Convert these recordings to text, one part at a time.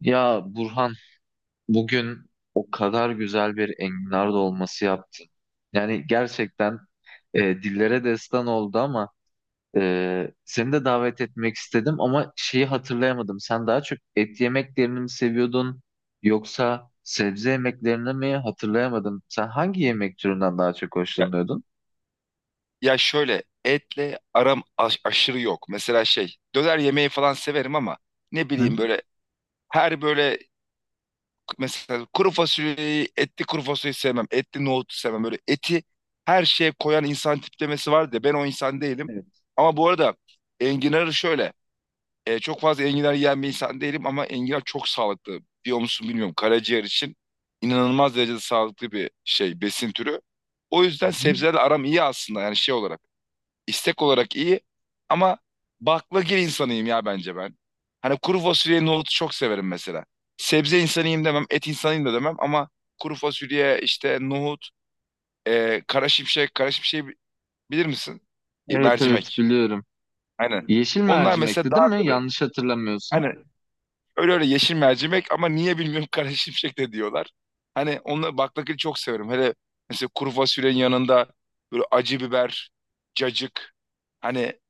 Ya Burhan, bugün o kadar güzel bir enginar dolması yaptın. Yani gerçekten dillere destan oldu. Ama seni de davet etmek istedim ama şeyi hatırlayamadım. Sen daha çok et yemeklerini mi seviyordun yoksa sebze yemeklerini mi hatırlayamadım. Sen hangi yemek türünden daha çok Ya, hoşlanıyordun? ya, şöyle etle aram aşırı yok. Mesela şey döner yemeği falan severim ama ne Hı? bileyim böyle her böyle mesela kuru fasulyeyi etli kuru fasulyeyi sevmem. Etli nohutu sevmem. Böyle eti her şeye koyan insan tiplemesi var da ben o insan değilim. Evet. Ama bu arada enginarı şöyle çok fazla enginar yiyen bir insan değilim ama enginar çok sağlıklı. Biliyor musun bilmiyorum karaciğer için inanılmaz derecede sağlıklı bir şey besin türü. O Hı yüzden hı. sebzelerle aram iyi aslında yani şey olarak. İstek olarak iyi ama baklagil insanıyım ya bence ben. Hani kuru fasulye nohutu çok severim mesela. Sebze insanıyım demem, et insanıyım da demem ama kuru fasulye işte nohut, kara şimşek, kara şimşeği bilir misin? Evet, evet Mercimek. biliyorum. Aynen. Yeşil Onlar mesela mercimekti değil daha mi? böyle Yanlış hatırlamıyorsun. hani öyle öyle yeşil mercimek ama niye bilmiyorum kara şimşek de diyorlar. Hani onları baklagili çok severim. Hele mesela kuru fasulyenin yanında böyle acı biber, cacık. Hani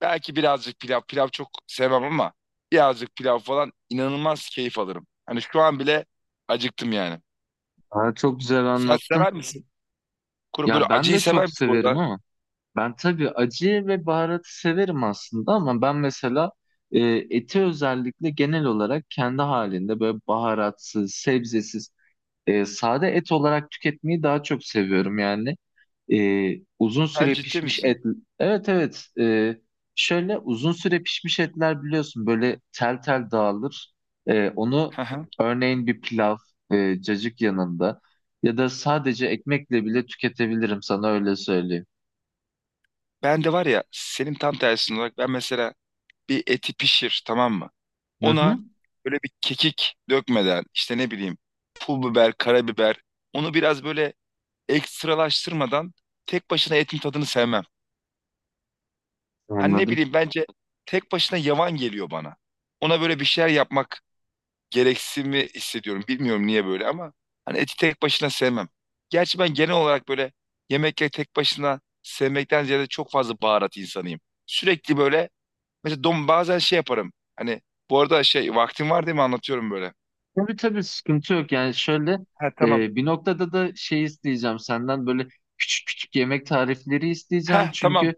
belki birazcık pilav. Pilav çok sevmem ama birazcık pilav falan inanılmaz keyif alırım. Hani şu an bile acıktım yani. Aa, çok güzel Sen anlattın. sever misin? Kuru, böyle Ya ben acıyı de sever çok misin bu severim arada? ama. Ben tabii acı ve baharatı severim aslında, ama ben mesela e, eti özellikle genel olarak kendi halinde böyle baharatsız, sebzesiz, sade et olarak tüketmeyi daha çok seviyorum yani. Uzun Sen süre ciddi pişmiş misin? et. Evet, evet. Şöyle uzun süre pişmiş etler biliyorsun böyle tel tel dağılır. Onu Hı hı. örneğin bir pilav, cacık yanında ya da sadece ekmekle bile tüketebilirim, sana öyle söyleyeyim. Ben de var ya senin tam tersin olarak ben mesela bir eti pişir tamam mı? Hı hı. Ona böyle bir kekik dökmeden işte ne bileyim pul biber, karabiber onu biraz böyle ekstralaştırmadan tek başına etin tadını sevmem. Hani ne Anladım. bileyim bence tek başına yavan geliyor bana. Ona böyle bir şeyler yapmak gereksinimi hissediyorum. Bilmiyorum niye böyle ama hani eti tek başına sevmem. Gerçi ben genel olarak böyle yemekleri tek başına sevmekten ziyade çok fazla baharat insanıyım. Sürekli böyle mesela dom bazen şey yaparım. Hani bu arada şey vaktim var değil mi anlatıyorum böyle. Tabii, tabii sıkıntı yok. Yani şöyle, Ha, tamam. Bir noktada da şey isteyeceğim senden, böyle küçük küçük yemek tarifleri isteyeceğim. Ha, Çünkü tamam.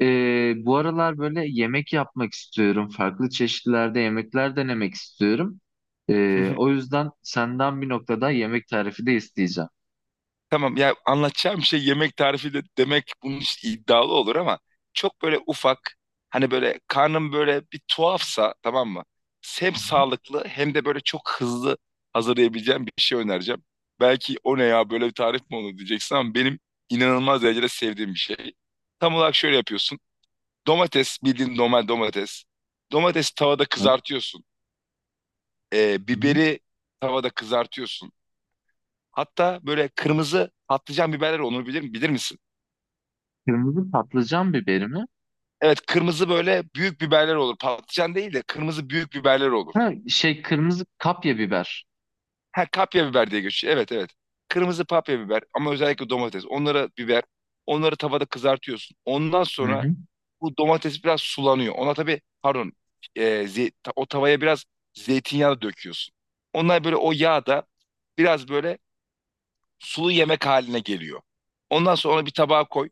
e, bu aralar böyle yemek yapmak istiyorum. Farklı çeşitlerde yemekler denemek istiyorum. O yüzden senden bir noktada yemek tarifi de isteyeceğim. Tamam ya, anlatacağım şey yemek tarifi de demek bunun için iddialı olur ama çok böyle ufak hani böyle karnım böyle bir tuhafsa tamam mı? Hem Hı hı. sağlıklı hem de böyle çok hızlı hazırlayabileceğim bir şey önereceğim. Belki o ne ya böyle bir tarif mi olur diyeceksin ama benim inanılmaz derecede sevdiğim bir şey. Tam olarak şöyle yapıyorsun. Domates bildiğin normal domates. Domatesi tavada Evet. kızartıyorsun. Hı hı. Biberi tavada kızartıyorsun. Hatta böyle kırmızı patlıcan biberler onu bilir misin? Kırmızı patlıcan biberi mi? Evet, kırmızı böyle büyük biberler olur. Patlıcan değil de kırmızı büyük biberler olur. Ha, şey kırmızı kapya biber. Ha, kapya biber diye geçiyor. Evet, evet. Kırmızı papya biber ama özellikle domates. Onlara biber. Onları tavada kızartıyorsun. Ondan Hı sonra hı. bu domates biraz sulanıyor. Ona tabii pardon o tavaya biraz zeytinyağı döküyorsun. Onlar böyle o yağ da biraz böyle sulu yemek haline geliyor. Ondan sonra onu bir tabağa koy.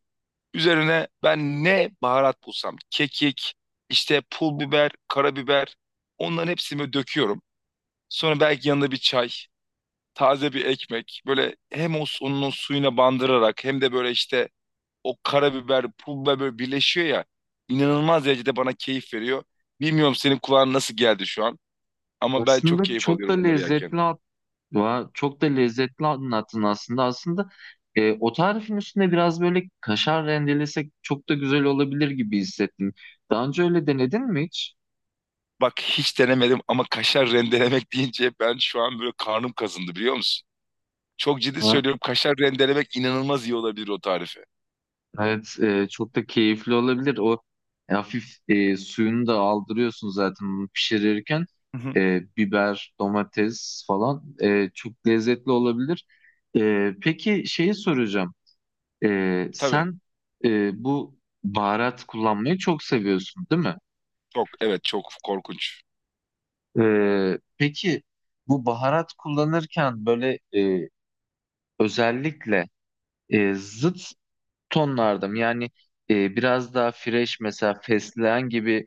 Üzerine ben ne baharat bulsam, kekik, işte pul biber, karabiber, onların hepsini döküyorum. Sonra belki yanında bir çay, taze bir ekmek. Böyle hem o onun o suyuna bandırarak hem de böyle işte o karabiber, pul biber böyle birleşiyor ya. İnanılmaz derecede bana keyif veriyor. Bilmiyorum senin kulağına nasıl geldi şu an ama ben çok Aslında keyif çok da alıyorum onları yerken. lezzetli. Vay, çok da lezzetli anlattın aslında. Aslında o tarifin üstüne biraz böyle kaşar rendelesek çok da güzel olabilir gibi hissettim. Daha önce öyle denedin mi hiç? Bak hiç denemedim ama kaşar rendelemek deyince ben şu an böyle karnım kazındı biliyor musun? Çok ciddi Ha, söylüyorum, kaşar rendelemek inanılmaz iyi olabilir o tarife. evet, çok da keyifli olabilir. O hafif, suyunu da aldırıyorsun zaten bunu pişirirken. Hı hı. Biber, domates falan çok lezzetli olabilir. Peki şeyi soracağım. Tabii. Sen bu baharat kullanmayı çok seviyorsun, değil mi? Çok, evet, çok korkunç. Peki bu baharat kullanırken böyle, özellikle zıt tonlarda mı? Yani biraz daha fresh, mesela fesleğen gibi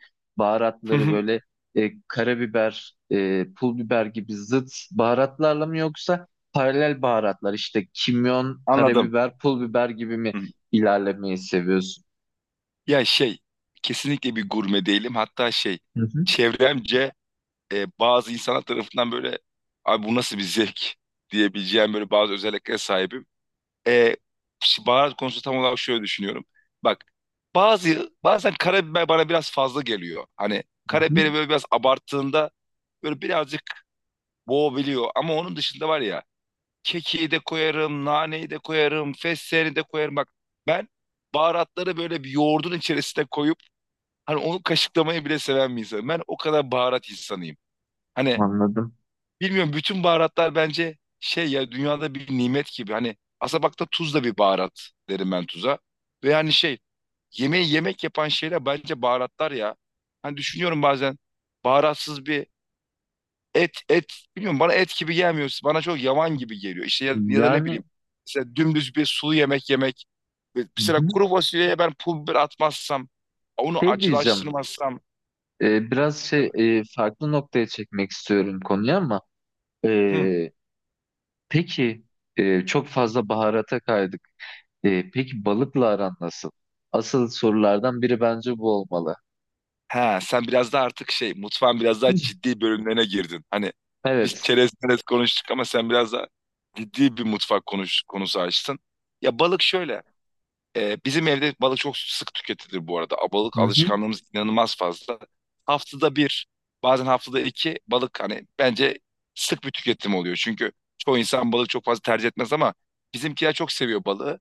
Hı baharatları hı. böyle, karabiber, pul biber gibi zıt baharatlarla mı, yoksa paralel baharatlar işte kimyon, Anladım. karabiber, pul biber gibi mi Hı hı. ilerlemeyi seviyorsun? Ya şey, kesinlikle bir gurme değilim. Hatta şey Hı hı, çevremce bazı insanlar tarafından böyle abi bu nasıl bir zevk diyebileceğim böyle bazı özelliklere sahibim. E, Baharat konusu tam olarak şöyle düşünüyorum. Bak, bazen karabiber bana biraz fazla geliyor. Hani hı hı, karabiberi böyle biraz abarttığında böyle birazcık boğabiliyor. Ama onun dışında var ya, kekiği de koyarım, naneyi de koyarım, fesleğeni de koyarım. Bak, ben baharatları böyle bir yoğurdun içerisine koyup hani onu kaşıklamayı bile seven bir insanım. Ben o kadar baharat insanıyım. Hani anladım. bilmiyorum bütün baharatlar bence şey ya dünyada bir nimet gibi. Hani aslında bak, da tuz da bir baharat derim ben tuza. Ve yani şey, yemeği yemek yapan şeyler bence baharatlar ya. Hani düşünüyorum bazen baharatsız bir et bilmiyorum bana et gibi gelmiyor. Bana çok yavan gibi geliyor. İşte ya, ya da ne Yani bileyim mesela dümdüz bir sulu yemek yemek. Ve hı mesela hı. kuru fasulyeye ben pul biber atmazsam onu Şey diyeceğim. acılaştırmazsam Biraz şey, farklı noktaya çekmek istiyorum konuyu ama hı, e, peki, çok fazla baharata kaydık. Peki balıkla aran nasıl? Asıl sorulardan biri bence bu olmalı. he, Sen biraz daha artık şey mutfağın biraz Hı. daha ciddi bölümlerine girdin. Hani biz Evet. çerez çerez konuştuk ama sen biraz daha ciddi bir mutfak konusu açtın. Ya, balık şöyle. Bizim evde balık çok sık tüketilir bu arada. Balık Hı hı, alışkanlığımız inanılmaz fazla. Haftada bir, bazen haftada iki balık hani bence sık bir tüketim oluyor. Çünkü çoğu insan balık çok fazla tercih etmez ama bizimkiler çok seviyor balığı.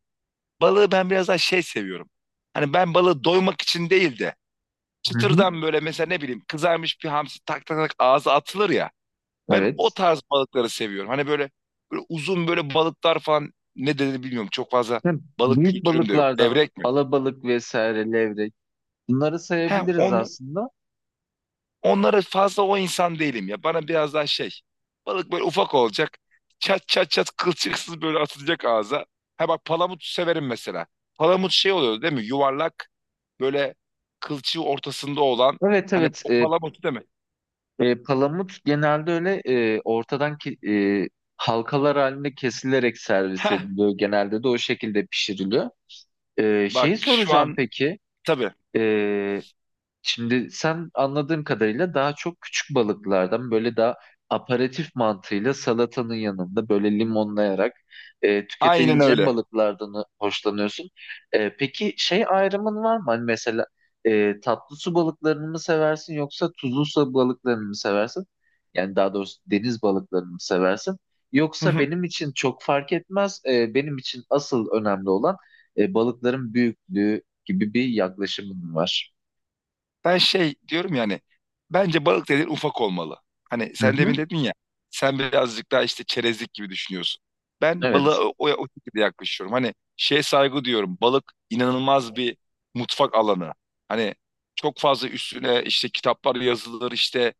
Balığı ben biraz daha şey seviyorum. Hani ben balığı doymak için değil de hı hı. çıtırdan böyle mesela ne bileyim kızarmış bir hamsi tak tak tak ağza atılır ya. Ben o Evet. tarz balıkları seviyorum. Hani böyle, böyle uzun böyle balıklar falan ne dediğini bilmiyorum. Çok fazla Hem balık büyük kültürüm de yok. balıklardan Levrek mi? alabalık vesaire, levrek, bunları He, sayabiliriz on, aslında. onlara fazla o insan değilim ya. Bana biraz daha şey. Balık böyle ufak olacak. Çat çat çat kılçıksız böyle atılacak ağza. Ha bak, palamut severim mesela. Palamut şey oluyor değil mi? Yuvarlak böyle kılçığı ortasında olan Evet, hani evet. o palamut değil mi? Palamut genelde öyle, ortadan ki, halkalar halinde kesilerek servis Heh, ediliyor. Genelde de o şekilde pişiriliyor. Bak Şeyi şu soracağım an peki. tabii E, Şimdi sen anladığım kadarıyla daha çok küçük balıklardan, böyle daha aperatif mantığıyla salatanın yanında böyle limonlayarak aynen tüketebileceğin öyle. balıklardan hoşlanıyorsun. Peki şey ayrımın var mı? Hani mesela tatlı su balıklarını mı seversin yoksa tuzlu su balıklarını mı seversin? Yani daha doğrusu deniz balıklarını mı seversin? Yoksa benim için çok fark etmez. Benim için asıl önemli olan balıkların büyüklüğü gibi bir yaklaşımın var. Ben şey diyorum yani bence balık dediğin ufak olmalı. Hani Hı sen hı. demin dedin ya, sen birazcık daha işte çerezlik gibi düşünüyorsun. Ben Evet. balığa o şekilde yaklaşıyorum. Hani şeye saygı diyorum. Balık inanılmaz bir mutfak alanı. Hani çok fazla üstüne işte kitaplar yazılır işte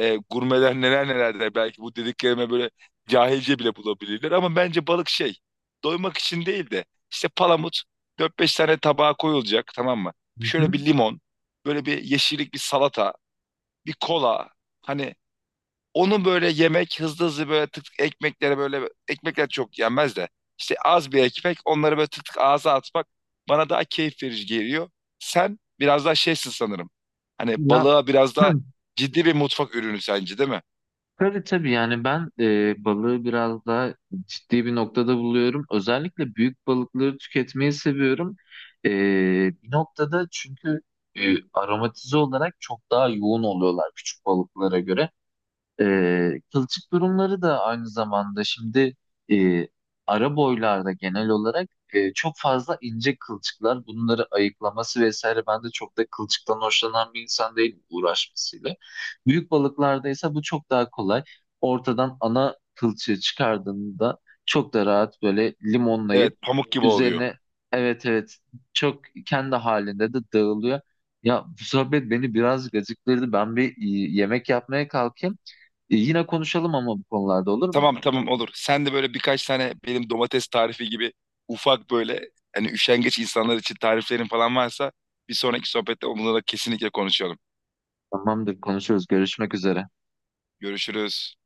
gurmeler neler neler der. Belki bu dediklerime böyle cahilce bile bulabilirler. Ama bence balık şey, doymak için değil de işte palamut dört beş tane tabağa koyulacak tamam mı? Hı Şöyle hı. bir limon, böyle bir yeşillik bir salata, bir kola. Hani onu böyle yemek hızlı hızlı böyle tık tık ekmeklere böyle ekmekler çok yenmez de işte az bir ekmek onları böyle tık tık ağza atmak bana daha keyif verici geliyor. Sen biraz daha şeysin sanırım. Hani Ya balığa biraz daha hı. ciddi bir mutfak ürünü sence değil mi? Tabii, tabii, yani ben balığı biraz daha ciddi bir noktada buluyorum. Özellikle büyük balıkları tüketmeyi seviyorum. E, Bir noktada, çünkü aromatize olarak çok daha yoğun oluyorlar küçük balıklara göre. Kılçık durumları da aynı zamanda, şimdi e, ara boylarda genel olarak çok fazla ince kılçıklar, bunları ayıklaması vesaire, ben de çok da kılçıktan hoşlanan bir insan değilim uğraşmasıyla. Büyük balıklarda ise bu çok daha kolay. Ortadan ana kılçığı çıkardığında çok da rahat böyle limonlayıp Evet, pamuk gibi oluyor. üzerine, evet, evet çok kendi halinde de dağılıyor. Ya bu sohbet beni biraz gacıktırdı. Ben bir yemek yapmaya kalkayım. Yine konuşalım ama bu konularda, olur mu? Tamam, tamam, olur. Sen de böyle birkaç tane benim domates tarifi gibi ufak böyle hani üşengeç insanlar için tariflerin falan varsa bir sonraki sohbette onunla da kesinlikle konuşalım. Tamamdır, konuşuruz. Görüşmek üzere. Görüşürüz.